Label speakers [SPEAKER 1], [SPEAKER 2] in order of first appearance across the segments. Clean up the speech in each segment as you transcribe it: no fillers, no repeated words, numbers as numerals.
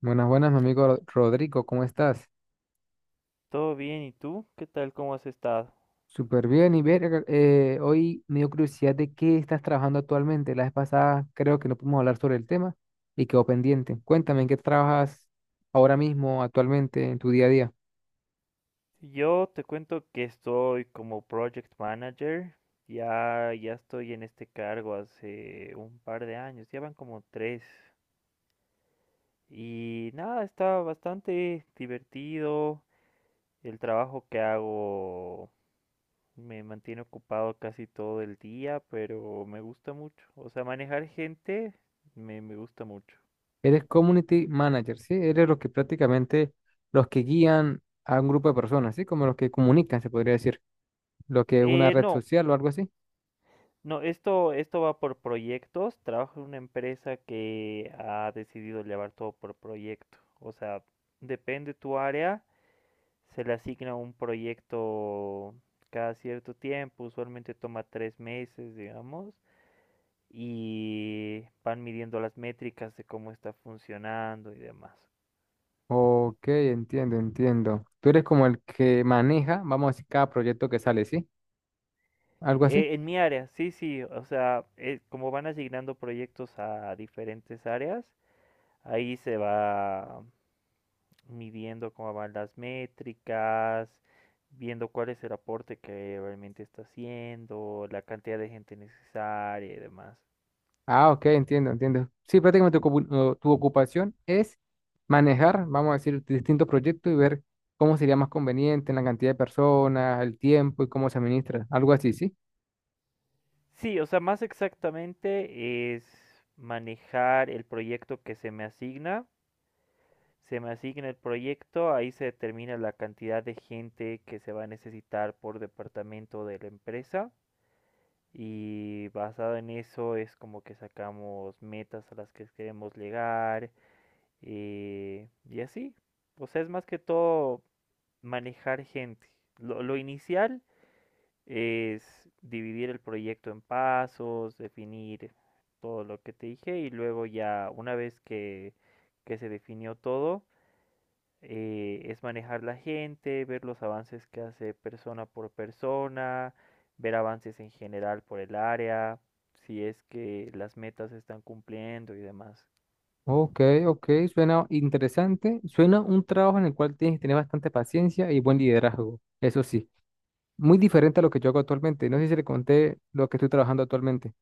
[SPEAKER 1] Buenas, buenas, mi amigo Rodrigo, ¿cómo estás?
[SPEAKER 2] Todo bien, ¿y tú? ¿Qué tal? ¿Cómo has estado?
[SPEAKER 1] Súper bien, y ver, hoy me dio curiosidad de qué estás trabajando actualmente. La vez pasada creo que no pudimos hablar sobre el tema y quedó pendiente. Cuéntame, ¿en qué trabajas ahora mismo, actualmente, en tu día a día?
[SPEAKER 2] Yo te cuento que estoy como project manager. Ya estoy en este cargo hace un par de años, ya van como tres. Y nada, está bastante divertido. El trabajo que hago me mantiene ocupado casi todo el día, pero me gusta mucho. O sea, manejar gente me gusta mucho.
[SPEAKER 1] Eres community manager, ¿sí? Eres los que prácticamente, los que guían a un grupo de personas, ¿sí? Como los que comunican, se podría decir, lo que es una
[SPEAKER 2] Eh,
[SPEAKER 1] red
[SPEAKER 2] no,
[SPEAKER 1] social o algo así.
[SPEAKER 2] No, esto va por proyectos. Trabajo en una empresa que ha decidido llevar todo por proyecto. O sea, depende tu área, se le asigna un proyecto cada cierto tiempo, usualmente toma tres meses, digamos, y van midiendo las métricas de cómo está funcionando y demás.
[SPEAKER 1] Ok, entiendo, entiendo. Tú eres como el que maneja, vamos a decir, cada proyecto que sale, ¿sí? Algo así.
[SPEAKER 2] En mi área, sí, sí, o sea, como van asignando proyectos a diferentes áreas, ahí se va midiendo cómo van las métricas, viendo cuál es el aporte que realmente está haciendo, la cantidad de gente necesaria y demás.
[SPEAKER 1] Ah, ok, entiendo, entiendo. Sí, prácticamente tu ocupación es manejar, vamos a decir, distintos proyectos y ver cómo sería más conveniente en la cantidad de personas, el tiempo y cómo se administra, algo así, ¿sí?
[SPEAKER 2] Sí, o sea, más exactamente es manejar el proyecto que se me asigna. Se me asigna el proyecto, ahí se determina la cantidad de gente que se va a necesitar por departamento de la empresa. Y basado en eso es como que sacamos metas a las que queremos llegar, y así, pues es más que todo manejar gente. Lo inicial es dividir el proyecto en pasos, definir todo lo que te dije y luego ya una vez que se definió todo, es manejar la gente, ver los avances que hace persona por persona, ver avances en general por el área, si es que las metas se están cumpliendo y demás.
[SPEAKER 1] Ok, ok, suena interesante. Suena un trabajo en el cual tienes que tener bastante paciencia y buen liderazgo, eso sí. Muy diferente a lo que yo hago actualmente. No sé si le conté lo que estoy trabajando actualmente.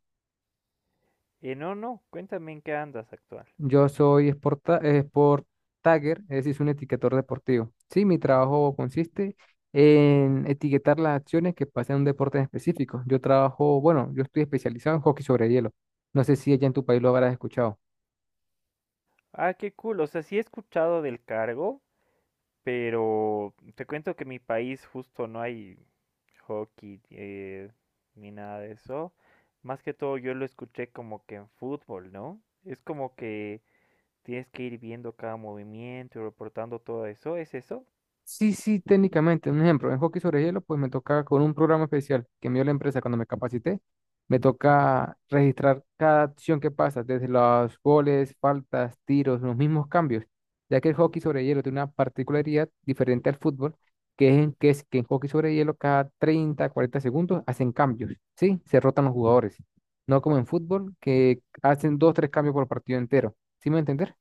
[SPEAKER 2] No, no, Cuéntame en qué andas actual.
[SPEAKER 1] Yo soy sport tagger, es decir, soy un etiquetador deportivo. Sí, mi trabajo consiste en etiquetar las acciones que pasan en un deporte en específico. Yo trabajo, bueno, yo estoy especializado en hockey sobre hielo. No sé si allá en tu país lo habrás escuchado.
[SPEAKER 2] Ah, qué cool. O sea, sí he escuchado del cargo, pero te cuento que en mi país justo no hay hockey, ni nada de eso. Más que todo yo lo escuché como que en fútbol, ¿no? Es como que tienes que ir viendo cada movimiento y reportando todo eso. ¿Es eso?
[SPEAKER 1] Sí, sí, técnicamente. Un ejemplo, en hockey sobre hielo, pues me toca con un programa especial que me dio la empresa cuando me capacité. Me toca registrar cada acción que pasa, desde los goles, faltas, tiros, los mismos cambios, ya que el hockey sobre hielo tiene una particularidad diferente al fútbol, que es, que es que en hockey sobre hielo cada 30, 40 segundos hacen cambios, ¿sí? Se rotan los jugadores. No como en fútbol, que hacen dos, tres cambios por partido entero. ¿Sí me entender?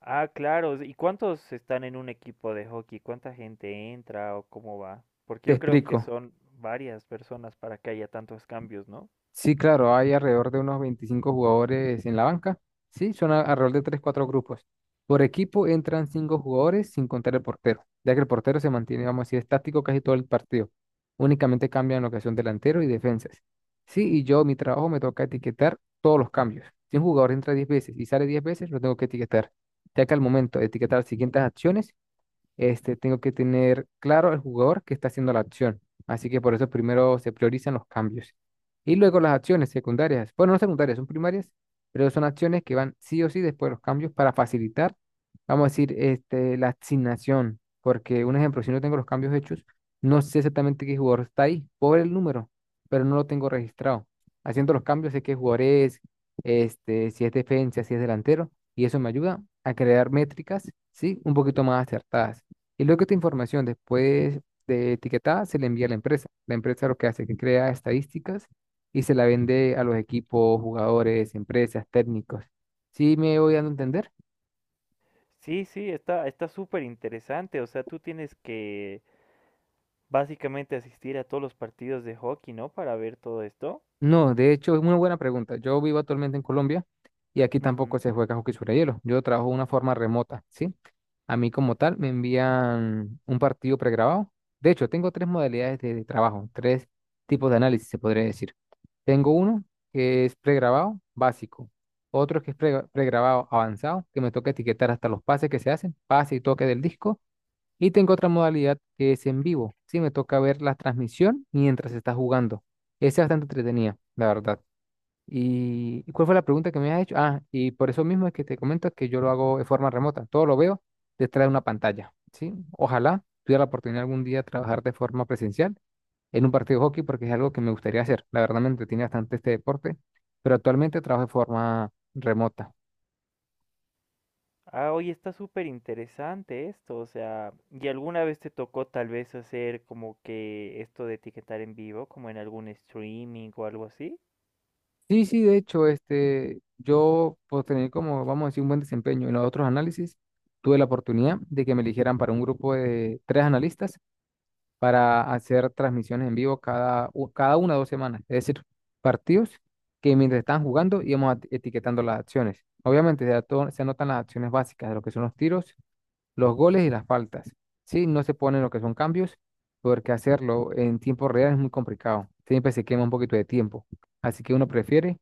[SPEAKER 2] Ah, claro. ¿Y cuántos están en un equipo de hockey? ¿Cuánta gente entra o cómo va? Porque
[SPEAKER 1] Te
[SPEAKER 2] yo creo que
[SPEAKER 1] explico.
[SPEAKER 2] son varias personas para que haya tantos cambios, ¿no?
[SPEAKER 1] Sí, claro, hay alrededor de unos 25 jugadores en la banca. Sí, son alrededor de tres cuatro grupos. Por equipo entran 5 jugadores sin contar el portero, ya que el portero se mantiene, vamos a decir, estático casi todo el partido. Únicamente cambian lo que son delantero y defensas. Sí, y yo, mi trabajo me toca etiquetar todos los cambios. Si un jugador entra 10 veces y sale 10 veces, lo tengo que etiquetar, ya que al momento de etiquetar las siguientes acciones, este, tengo que tener claro el jugador que está haciendo la acción. Así que por eso primero se priorizan los cambios. Y luego las acciones secundarias. Bueno, no secundarias, son primarias, pero son acciones que van sí o sí después de los cambios para facilitar, vamos a decir, este, la asignación. Porque un ejemplo, si no tengo los cambios hechos, no sé exactamente qué jugador está ahí por el número, pero no lo tengo registrado. Haciendo los cambios sé qué jugador es, este, si es defensa, si es delantero, y eso me ayuda a crear métricas, ¿sí? Un poquito más acertadas. Y luego esta información, después de etiquetada, se le envía a la empresa. La empresa lo que hace es que crea estadísticas y se la vende a los equipos, jugadores, empresas, técnicos. ¿Sí me voy dando a entender?
[SPEAKER 2] Sí, sí, está súper interesante. O sea, tú tienes que básicamente asistir a todos los partidos de hockey, ¿no?, para ver todo esto.
[SPEAKER 1] No, de hecho, es una buena pregunta. Yo vivo actualmente en Colombia y aquí tampoco
[SPEAKER 2] Ujú.
[SPEAKER 1] se juega hockey sobre hielo. Yo trabajo de una forma remota, ¿sí? A mí como tal me envían un partido pregrabado. De hecho, tengo tres modalidades de trabajo, tres tipos de análisis, se podría decir. Tengo uno que es pregrabado básico, otro que es pregrabado avanzado, que me toca etiquetar hasta los pases que se hacen, pase y toque del disco, y tengo otra modalidad que es en vivo, sí, me toca ver la transmisión mientras se está jugando. Esa es bastante entretenida, la verdad. ¿Y cuál fue la pregunta que me has hecho? Ah, y por eso mismo es que te comento que yo lo hago de forma remota, todo lo veo detrás de una pantalla, ¿sí? Ojalá tuviera la oportunidad algún día de trabajar de forma presencial en un partido de hockey porque es algo que me gustaría hacer. La verdad me entretiene bastante este deporte, pero actualmente trabajo de forma remota.
[SPEAKER 2] Ah, oye, está súper interesante esto. O sea, ¿y alguna vez te tocó tal vez hacer como que esto de etiquetar en vivo, como en algún streaming o algo así?
[SPEAKER 1] Sí, sí, de hecho, este, yo por tener como, vamos a decir, un buen desempeño en los otros análisis, tuve la oportunidad de que me eligieran para un grupo de tres analistas para hacer transmisiones en vivo cada una o dos semanas. Es decir, partidos que mientras estaban jugando íbamos etiquetando las acciones. Obviamente se anotan las acciones básicas de lo que son los tiros los goles y las faltas. Sí, no se ponen lo que son cambios, porque hacerlo en tiempo real es muy complicado. Siempre se quema un poquito de tiempo. Así que uno prefiere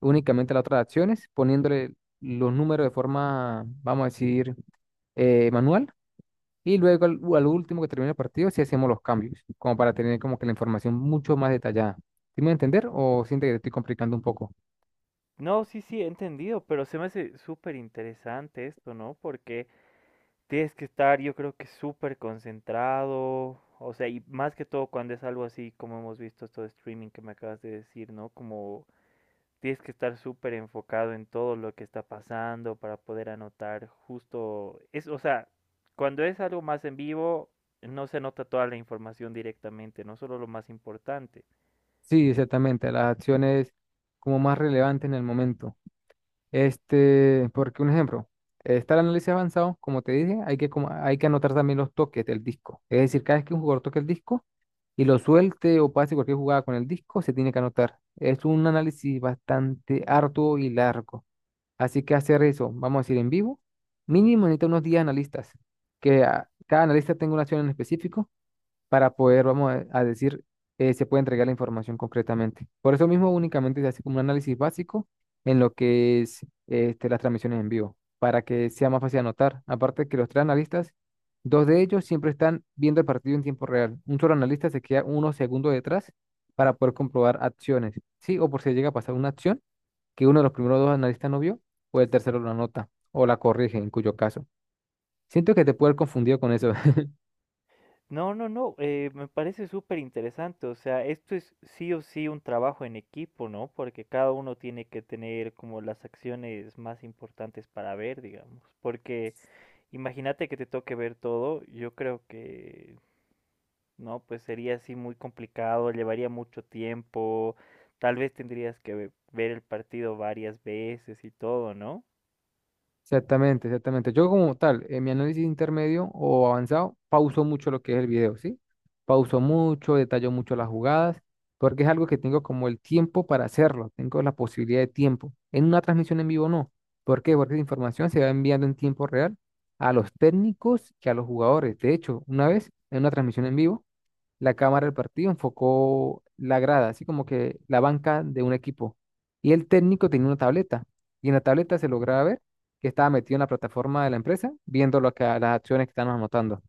[SPEAKER 1] únicamente las otras acciones, poniéndole los números de forma, vamos a decir, manual. Y luego al, al último que termine el partido, si hacemos los cambios, como para tener como que la información mucho más detallada. ¿Sí me voy a entender o siente que te estoy complicando un poco?
[SPEAKER 2] No, sí, sí, he entendido, pero se me hace súper interesante esto, ¿no? Porque tienes que estar, yo creo que súper concentrado, o sea, y más que todo cuando es algo así como hemos visto esto de streaming que me acabas de decir, ¿no? Como tienes que estar súper enfocado en todo lo que está pasando para poder anotar justo, es, o sea, cuando es algo más en vivo, no se nota toda la información directamente, no solo lo más importante.
[SPEAKER 1] Sí, exactamente, las acciones como más relevantes en el momento. Este, porque un ejemplo, está el análisis avanzado, como te dije, hay que anotar también los toques del disco. Es decir, cada vez que un jugador toque el disco y lo suelte o pase cualquier jugada con el disco, se tiene que anotar. Es un análisis bastante arduo y largo. Así que hacer eso, vamos a decir en vivo, mínimo necesita unos 10 analistas, que cada analista tenga una acción en específico para poder, vamos a decir, se puede entregar la información concretamente. Por eso mismo únicamente se hace como un análisis básico en lo que es este, las transmisiones en vivo, para que sea más fácil anotar. Aparte que los tres analistas, dos de ellos siempre están viendo el partido en tiempo real. Un solo analista se queda unos segundos detrás para poder comprobar acciones, ¿sí? O por si llega a pasar una acción que uno de los primeros dos analistas no vio, o el tercero la anota, o la corrige en cuyo caso. Siento que te puede haber confundido con eso.
[SPEAKER 2] No, no, no, me parece súper interesante. O sea, esto es sí o sí un trabajo en equipo, ¿no? Porque cada uno tiene que tener como las acciones más importantes para ver, digamos, porque imagínate que te toque ver todo, yo creo que, no, pues sería así muy complicado, llevaría mucho tiempo, tal vez tendrías que ver el partido varias veces y todo, ¿no?
[SPEAKER 1] Exactamente, exactamente. Yo como tal, en mi análisis intermedio o avanzado, pauso mucho lo que es el video, ¿sí? Pauso mucho, detallo mucho las jugadas, porque es algo que tengo como el tiempo para hacerlo, tengo la posibilidad de tiempo. En una transmisión en vivo no. ¿Por qué? Porque la información se va enviando en tiempo real a los técnicos que a los jugadores. De hecho, una vez en una transmisión en vivo, la cámara del partido enfocó la grada, así como que la banca de un equipo. Y el técnico tenía una tableta. Y en la tableta se lograba ver que estaba metido en la plataforma de la empresa, viendo las acciones que están anotando.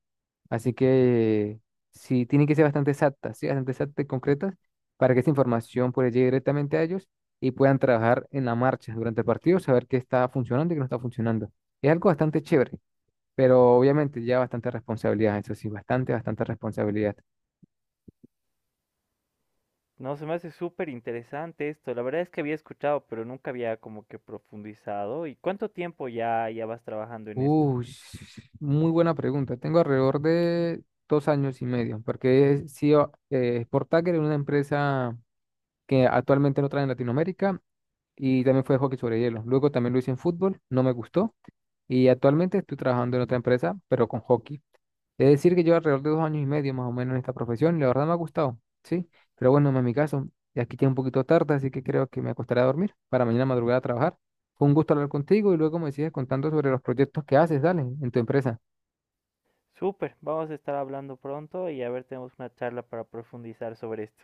[SPEAKER 1] Así que sí, tienen que ser bastante exactas, sí, bastante exactas y concretas para que esa información pueda llegar directamente a ellos y puedan trabajar en la marcha durante el partido, saber qué está funcionando y qué no está funcionando. Es algo bastante chévere, pero obviamente ya bastante responsabilidad, eso sí, bastante, bastante responsabilidad.
[SPEAKER 2] No, se me hace súper interesante esto. La verdad es que había escuchado, pero nunca había como que profundizado. ¿Y cuánto tiempo ya, ya vas trabajando en esto?
[SPEAKER 1] Uy, muy buena pregunta. Tengo alrededor de 2 años y medio, porque he sido Sport Tagger en una empresa que actualmente no trae en Latinoamérica y también fue de hockey sobre hielo. Luego también lo hice en fútbol, no me gustó y actualmente estoy trabajando en otra empresa, pero con hockey. Es decir, que llevo alrededor de 2 años y medio más o menos en esta profesión y la verdad me ha gustado, ¿sí? Pero bueno, en mi caso, y aquí ya un poquito tarde, así que creo que me acostaré a dormir para mañana madrugada a trabajar. Fue un gusto hablar contigo y luego me sigues contando sobre los proyectos que haces, dale, en tu empresa.
[SPEAKER 2] Súper, vamos a estar hablando pronto y a ver, tenemos una charla para profundizar sobre esto.